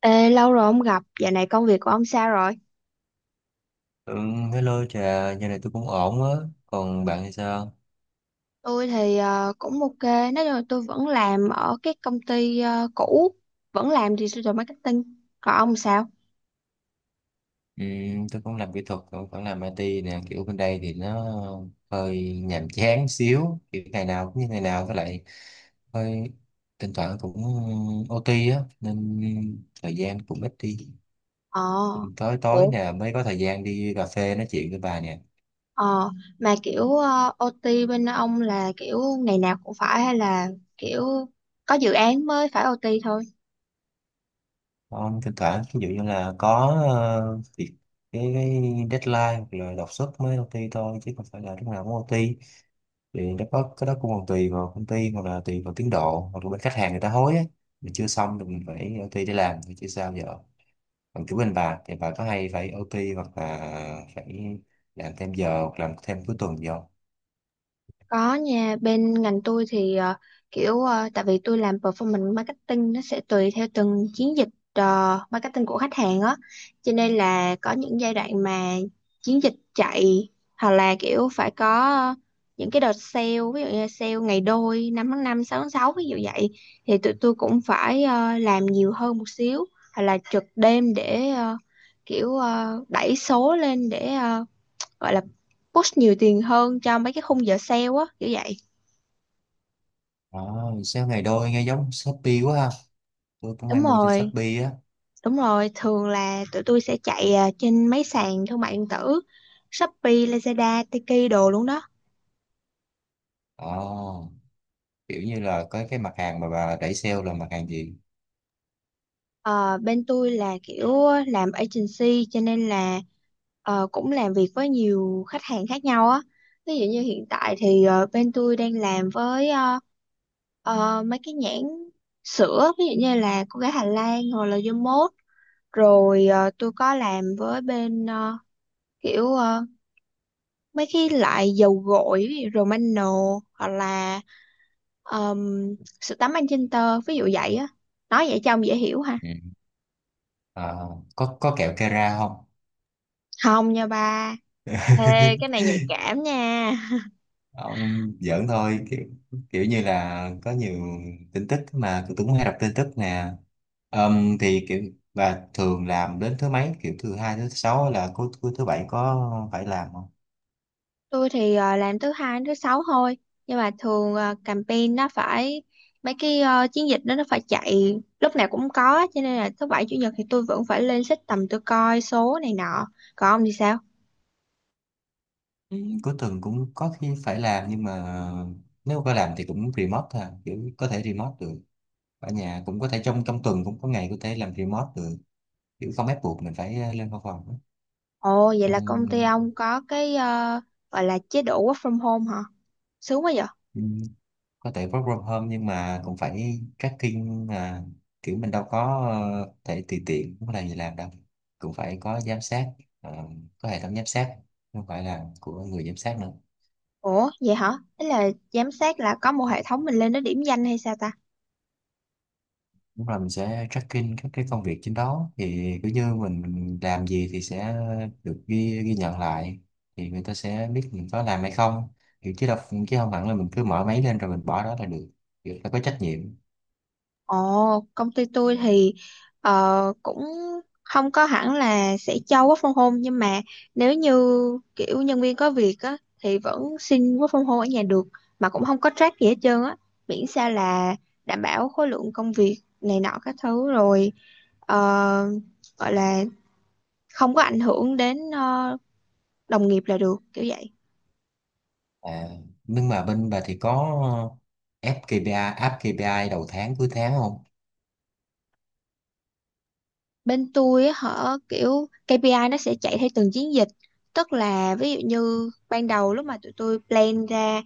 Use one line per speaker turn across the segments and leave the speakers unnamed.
Ê, lâu rồi không gặp, dạo này công việc của ông sao rồi?
Ừ, hello Trà, giờ này tôi cũng ổn á. Còn bạn thì sao?
Tôi thì cũng ok, nói chung là tôi vẫn làm ở cái công ty cũ, vẫn làm digital marketing. Còn ông sao?
Ừ, tôi cũng làm kỹ thuật, cũng vẫn làm IT nè. Kiểu bên đây thì nó hơi nhàm chán xíu. Kiểu ngày nào cũng như ngày nào, với lại hơi thỉnh thoảng cũng OT á. Nên thời gian cũng ít đi.
Ờ,
Cũng tối tối
ủa,
nè mới có thời gian đi cà phê nói chuyện với bà nè.
ờ, mà kiểu OT bên ông là kiểu ngày nào cũng phải hay là kiểu có dự án mới phải OT thôi?
Không, thỉnh thoảng ví dụ như là có việc cái deadline hoặc là đột xuất mới OT thôi, chứ không phải là lúc nào cũng OT. Thì nó có cái đó cũng còn tùy vào công ty, hoặc là tùy vào tiến độ, hoặc là bên khách hàng người ta hối á, mình chưa xong thì mình phải OT để làm, thì chứ sao giờ. Còn kiểu bên bà thì bà có hay phải OT hoặc là phải làm thêm giờ hoặc làm thêm cuối tuần gì không?
Có nha, bên ngành tôi thì kiểu tại vì tôi làm performance marketing nó sẽ tùy theo từng chiến dịch marketing của khách hàng á. Cho nên là có những giai đoạn mà chiến dịch chạy hoặc là kiểu phải có ờ, những cái đợt sale, ví dụ như sale ngày đôi, 5/5, 6/6 ví dụ vậy, thì tụi tôi cũng phải làm nhiều hơn một xíu hoặc là trực đêm để đẩy số lên để gọi là push nhiều tiền hơn cho mấy cái khung giờ sale á kiểu vậy.
À, sao ngày đôi nghe giống Shopee quá ha, tôi cũng hay
Đúng
mua trên
rồi,
Shopee á.
đúng rồi, thường là tụi tôi sẽ chạy trên mấy sàn thương mại điện tử Shopee, Lazada, Tiki đồ luôn đó.
À, kiểu như là có cái mặt hàng mà bà đẩy sale là mặt hàng gì?
Ờ, bên tôi là kiểu làm agency cho nên là cũng làm việc với nhiều khách hàng khác nhau á, ví dụ như hiện tại thì bên tôi đang làm với mấy cái nhãn sữa ví dụ như là cô gái Hà Lan hoặc là Yamot. Rồi tôi có làm với bên kiểu ờ, mấy cái loại dầu gội ví dụ Romano hoặc là um, sữa tắm anh Magenta ví dụ vậy á. Nói vậy cho ông dễ hiểu ha.
Ừ. À, có kẹo Kera không?
Không nha ba. Ê, cái này nhạy cảm nha.
Ông giỡn thôi, kiểu, kiểu như là có nhiều tin tức mà tôi cũng hay đọc tin tức nè. Thì kiểu, và thường làm đến thứ mấy, kiểu thứ hai thứ sáu hay là cuối cuối thứ bảy có phải làm không?
Tôi thì làm thứ hai đến thứ sáu thôi. Nhưng mà thường campaign nó phải mấy cái chiến dịch đó nó phải chạy lúc nào cũng có, cho nên là thứ bảy chủ nhật thì tôi vẫn phải lên system tôi coi số này nọ. Còn ông thì sao?
Ừ, cuối tuần cũng có khi phải làm, nhưng mà nếu có làm thì cũng remote thôi à, kiểu có thể remote được ở nhà, cũng có thể trong trong tuần cũng có ngày có thể làm remote được, kiểu không ép buộc mình phải lên văn phòng á.
Ồ, vậy là công ty ông có cái gọi là chế độ work from home hả? Sướng quá vậy.
Ừm, có thể work from home nhưng mà cũng phải tracking à, kiểu mình đâu có thể tùy tiện muốn làm gì làm đâu, cũng phải có giám sát, ờ, có hệ thống giám sát, không phải là của người giám sát nữa.
Ủa, vậy hả? Ý là giám sát là có một hệ thống mình lên nó điểm danh hay sao ta?
Đúng là mình sẽ tracking các cái công việc trên đó, thì cứ như mình làm gì thì sẽ được ghi ghi nhận lại, thì người ta sẽ biết mình có làm hay không, kiểu chứ đâu, chứ không hẳn là mình cứ mở máy lên rồi mình bỏ đó là được, người ta có trách nhiệm.
Ồ, công ty tôi thì cũng không có hẳn là sẽ cho work from home, nhưng mà nếu như kiểu nhân viên có việc á thì vẫn xin work from home ở nhà được, mà cũng không có track gì hết trơn á, miễn sao là đảm bảo khối lượng công việc này nọ các thứ rồi ờ, gọi là không có ảnh hưởng đến đồng nghiệp là được kiểu vậy.
À, nhưng mà bên bà thì có ép KPI, áp KPI đầu tháng cuối tháng không?
Bên tôi á hả, kiểu KPI nó sẽ chạy theo từng chiến dịch, tức là ví dụ như ban đầu lúc mà tụi tôi plan ra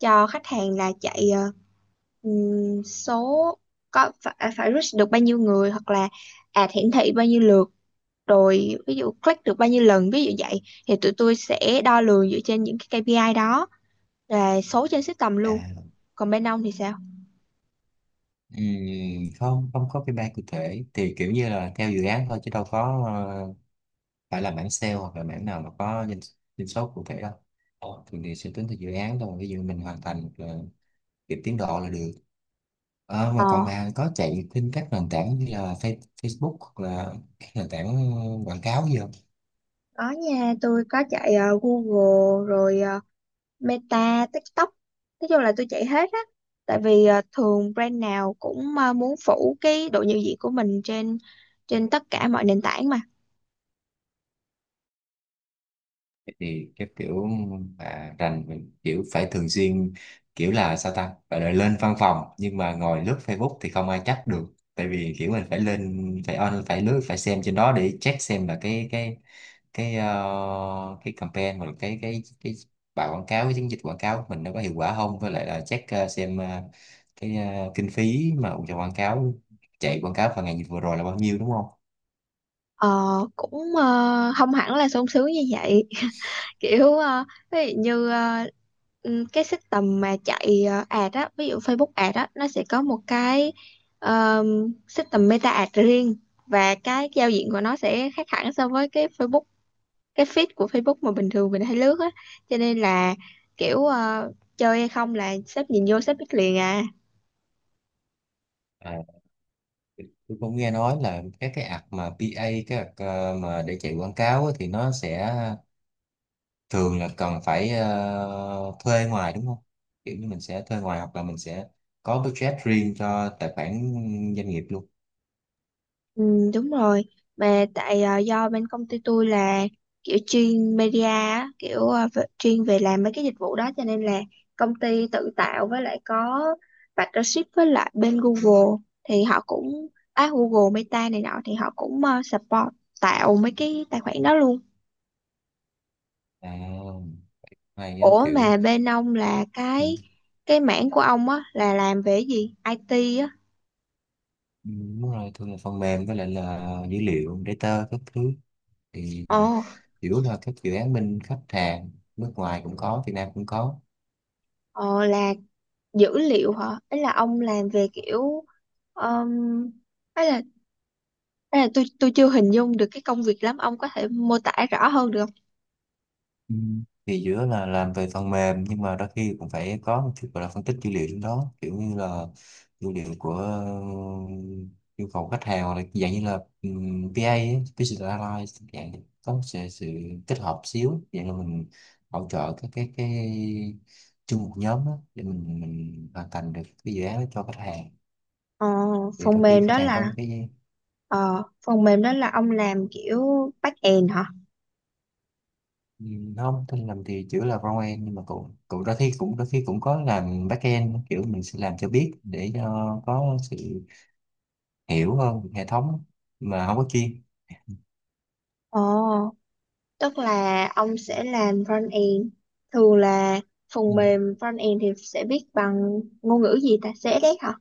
cho khách hàng là chạy số có phải, phải reach được bao nhiêu người hoặc là ad hiển thị bao nhiêu lượt, rồi ví dụ click được bao nhiêu lần ví dụ vậy, thì tụi tôi sẽ đo lường dựa trên những cái KPI đó, là số trên system
À,
luôn. Còn bên ông thì sao?
không, không có KPI cụ thể. Thì kiểu như là theo dự án thôi, chứ đâu có phải là mảng sale hoặc là mảng nào mà có doanh số cụ thể đâu. Thường thì sẽ tính theo dự án thôi. Ví dụ mình hoàn thành kịp tiến độ là được. Ờ, mà còn bà có chạy trên các nền tảng như là Facebook hoặc là các nền tảng quảng cáo gì không?
Có nha, tôi có chạy Google rồi Meta, TikTok. Nói chung là tôi chạy hết á. Tại vì thường brand nào cũng muốn phủ cái độ nhận diện của mình trên trên tất cả mọi nền tảng mà.
Thì cái kiểu mà rành mình kiểu phải thường xuyên, kiểu là sao ta, gọi là lên văn phòng nhưng mà ngồi lướt Facebook thì không ai chắc được, tại vì kiểu mình phải lên, phải on, phải lướt, phải xem trên đó để check xem là cái cái campaign, hoặc là cái bài quảng cáo, cái chiến dịch quảng cáo của mình nó có hiệu quả không, với lại là check xem cái kinh phí mà cho quảng cáo, chạy quảng cáo vào ngày vừa rồi là bao nhiêu, đúng không?
Ờ, cũng không hẳn là sung sướng như vậy. Kiểu ví dụ như cái system mà chạy ad á, ví dụ Facebook ad á, nó sẽ có một cái ờ, system Meta ad riêng, và cái giao diện của nó sẽ khác hẳn so với cái Facebook, cái feed của Facebook mà bình thường mình hay lướt á, cho nên là kiểu chơi hay không là sếp nhìn vô sếp biết liền à.
À, tôi cũng nghe nói là các cái app mà PA các app mà để chạy quảng cáo á, thì nó sẽ thường là cần phải thuê ngoài, đúng không, kiểu như mình sẽ thuê ngoài hoặc là mình sẽ có budget riêng cho tài khoản doanh nghiệp luôn.
Ừ, đúng rồi, mà tại do bên công ty tôi là kiểu chuyên media á, kiểu chuyên về làm mấy cái dịch vụ đó, cho nên là công ty tự tạo, với lại có partnership với lại bên Google, thì họ cũng Google Meta này nọ thì họ cũng support tạo mấy cái tài khoản đó luôn.
À, hay á,
Ủa
kiểu
mà bên ông là
ừ,
cái mảng của ông á là làm về cái gì? IT á.
ừ, đúng rồi, thường là phần mềm với lại là dữ liệu data các thứ, thì
Ồ,
chủ yếu là các dự án bên khách hàng nước ngoài cũng có, Việt Nam cũng có.
ờ, là dữ liệu hả? Ấy là ông làm về kiểu um, ấy là ấy là tôi chưa hình dung được cái công việc lắm, ông có thể mô tả rõ hơn được không?
Ừ. Thì giữa là làm về phần mềm, nhưng mà đôi khi cũng phải có một chút gọi là phân tích dữ liệu trong đó, kiểu như là dữ liệu của yêu cầu khách hàng, hoặc là dạng như là PA ấy, Business Analysis, dạng như có một sự kết hợp xíu, dạng là mình hỗ trợ các cái chung một nhóm đó, để mình hoàn thành được cái dự án đó cho khách hàng,
Ờ,
thì
phần
đôi khi
mềm
khách
đó
hàng có
là
những cái.
phần mềm đó là ông làm kiểu back end hả?
Ừ, không, tôi làm thì chữ là frontend, nhưng mà cậu cậu đôi khi cũng có làm backend, kiểu mình sẽ làm cho biết để cho có sự hiểu hơn về hệ thống, mà không có chuyên.
Ồ, tức là ông sẽ làm front end. Thường là
Ừ.
phần mềm front end thì sẽ viết bằng ngôn ngữ gì ta? CSS hả?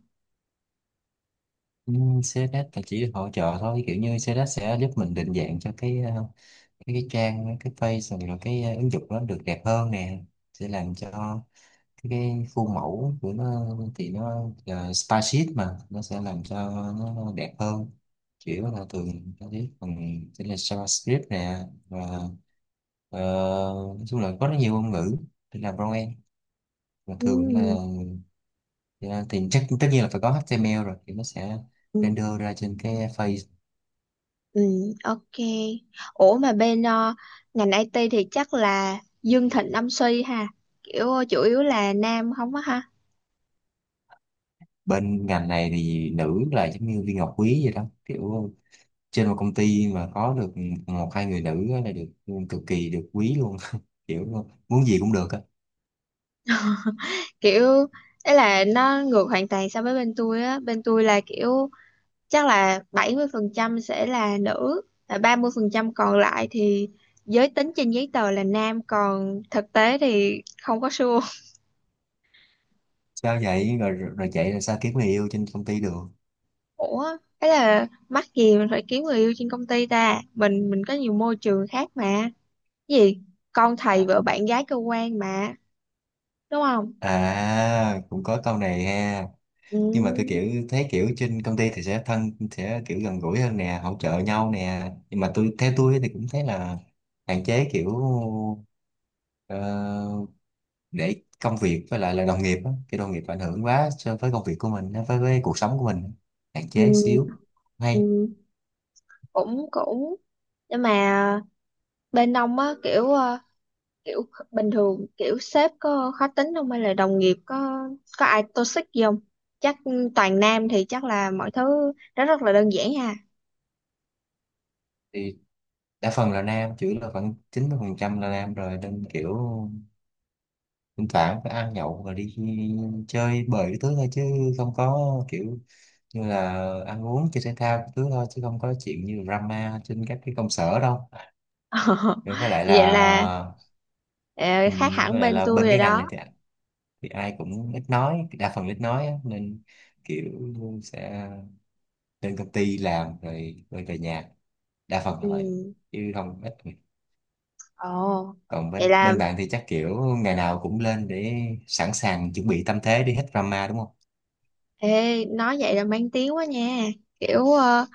Ừ, CSS là chỉ được hỗ trợ thôi, kiểu như CSS sẽ giúp mình định dạng cho cái cái trang, cái page, rồi cái ứng dụng nó được đẹp hơn nè, sẽ làm cho. Thì cái khuôn mẫu của nó thì nó là spaceship mà nó sẽ làm cho nó đẹp hơn, chỉ có là thường nó biết còn sẽ là JavaScript nè, và ờ, nói chung là có rất nhiều ngôn ngữ để làm frontend, và thường là
Ừ,
thì chắc tất nhiên là phải có HTML rồi thì nó sẽ
ừ,
render ra trên cái face.
ừ, ok. Ủa mà bên ngành IT thì chắc là Dương Thịnh Âm Suy ha. Kiểu chủ yếu là nam không á ha.
Bên ngành này thì nữ là giống như viên ngọc quý vậy đó, kiểu trên một công ty mà có được một hai người nữ á là được cực kỳ được quý luôn, kiểu muốn gì cũng được á.
Kiểu ấy là nó ngược hoàn toàn so với bên tôi á. Bên tôi là kiểu chắc là 70% sẽ là nữ, là 30% còn lại thì giới tính trên giấy tờ là nam, còn thực tế thì không có sure.
Sao vậy, rồi rồi chạy là sao, kiếm người yêu trên công ty được?
Ủa, ấy là mắc gì mình phải kiếm người yêu trên công ty ta? Mình có nhiều môi trường khác mà. Cái gì con thầy
à,
vợ bạn gái cơ quan mà, đúng không?
à cũng có câu này ha. Nhưng mà tôi
Ừ,
kiểu thấy kiểu trên công ty thì sẽ thân, sẽ kiểu gần gũi hơn nè, hỗ trợ nhau nè, nhưng mà tôi, theo tôi thì cũng thấy là hạn chế, kiểu ờ, để công việc với lại là đồng nghiệp á, cái đồng nghiệp ảnh hưởng quá so với công việc của mình á, với cuộc sống của mình hạn
ừ,
chế xíu hay.
ừ, cũng cũng nhưng mà bên ông á kiểu kiểu bình thường kiểu sếp có khó tính không hay là đồng nghiệp có ai toxic gì không, chắc toàn nam thì chắc là mọi thứ nó rất là đơn giản ha.
Thì đa phần là nam, chủ yếu là khoảng 90% là nam rồi, nên kiểu thỉnh thoảng phải ăn nhậu và đi chơi bời cái thứ thôi, chứ không có kiểu như là ăn uống chơi thể thao cái thứ thôi, chứ không có chuyện như drama trên các cái công sở đâu. Rồi với lại
Vậy là
là
ờ,
ừ,
khác hẳn
với lại
bên
là
tôi
bên
rồi
cái ngành này
đó.
thì ai cũng ít nói, đa phần ít nói á, nên kiểu sẽ lên công ty làm rồi rồi về nhà, đa phần là vậy,
Ừ.
chứ không ít người.
Ồ,
Còn
vậy
bên
là
bên bạn thì chắc kiểu ngày nào cũng lên để sẵn sàng chuẩn bị tâm thế đi hết drama, đúng không?
Ê, nói vậy là mang tiếng quá nha. Kiểu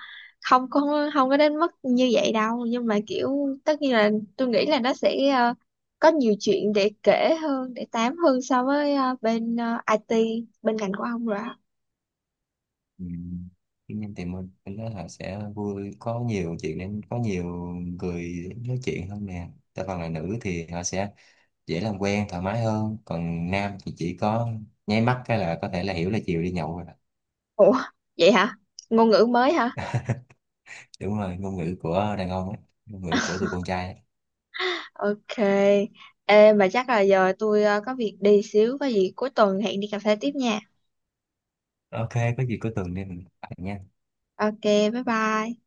không có đến mức như vậy đâu, nhưng mà kiểu tất nhiên là tôi nghĩ là nó sẽ có nhiều chuyện để kể hơn, để tám hơn so với bên IT, bên ngành của ông rồi. Á.
Ừ. Tuy thì mình nói là sẽ vui, có nhiều chuyện nên có nhiều người nói chuyện hơn nè, đa phần là nữ thì họ sẽ dễ làm quen thoải mái hơn, còn nam thì chỉ có nháy mắt cái là có thể là hiểu là chiều đi nhậu rồi đó.
Ủa, vậy hả? Ngôn ngữ mới hả?
Đúng rồi, ngôn ngữ của đàn ông ấy, ngôn ngữ của tụi con trai ấy.
Ok. Ê, mà chắc là giờ tôi có việc đi xíu, có gì cuối tuần hẹn đi cà phê tiếp nha.
Ok, có gì cuối tuần đi mình bàn nha
Ok, bye bye.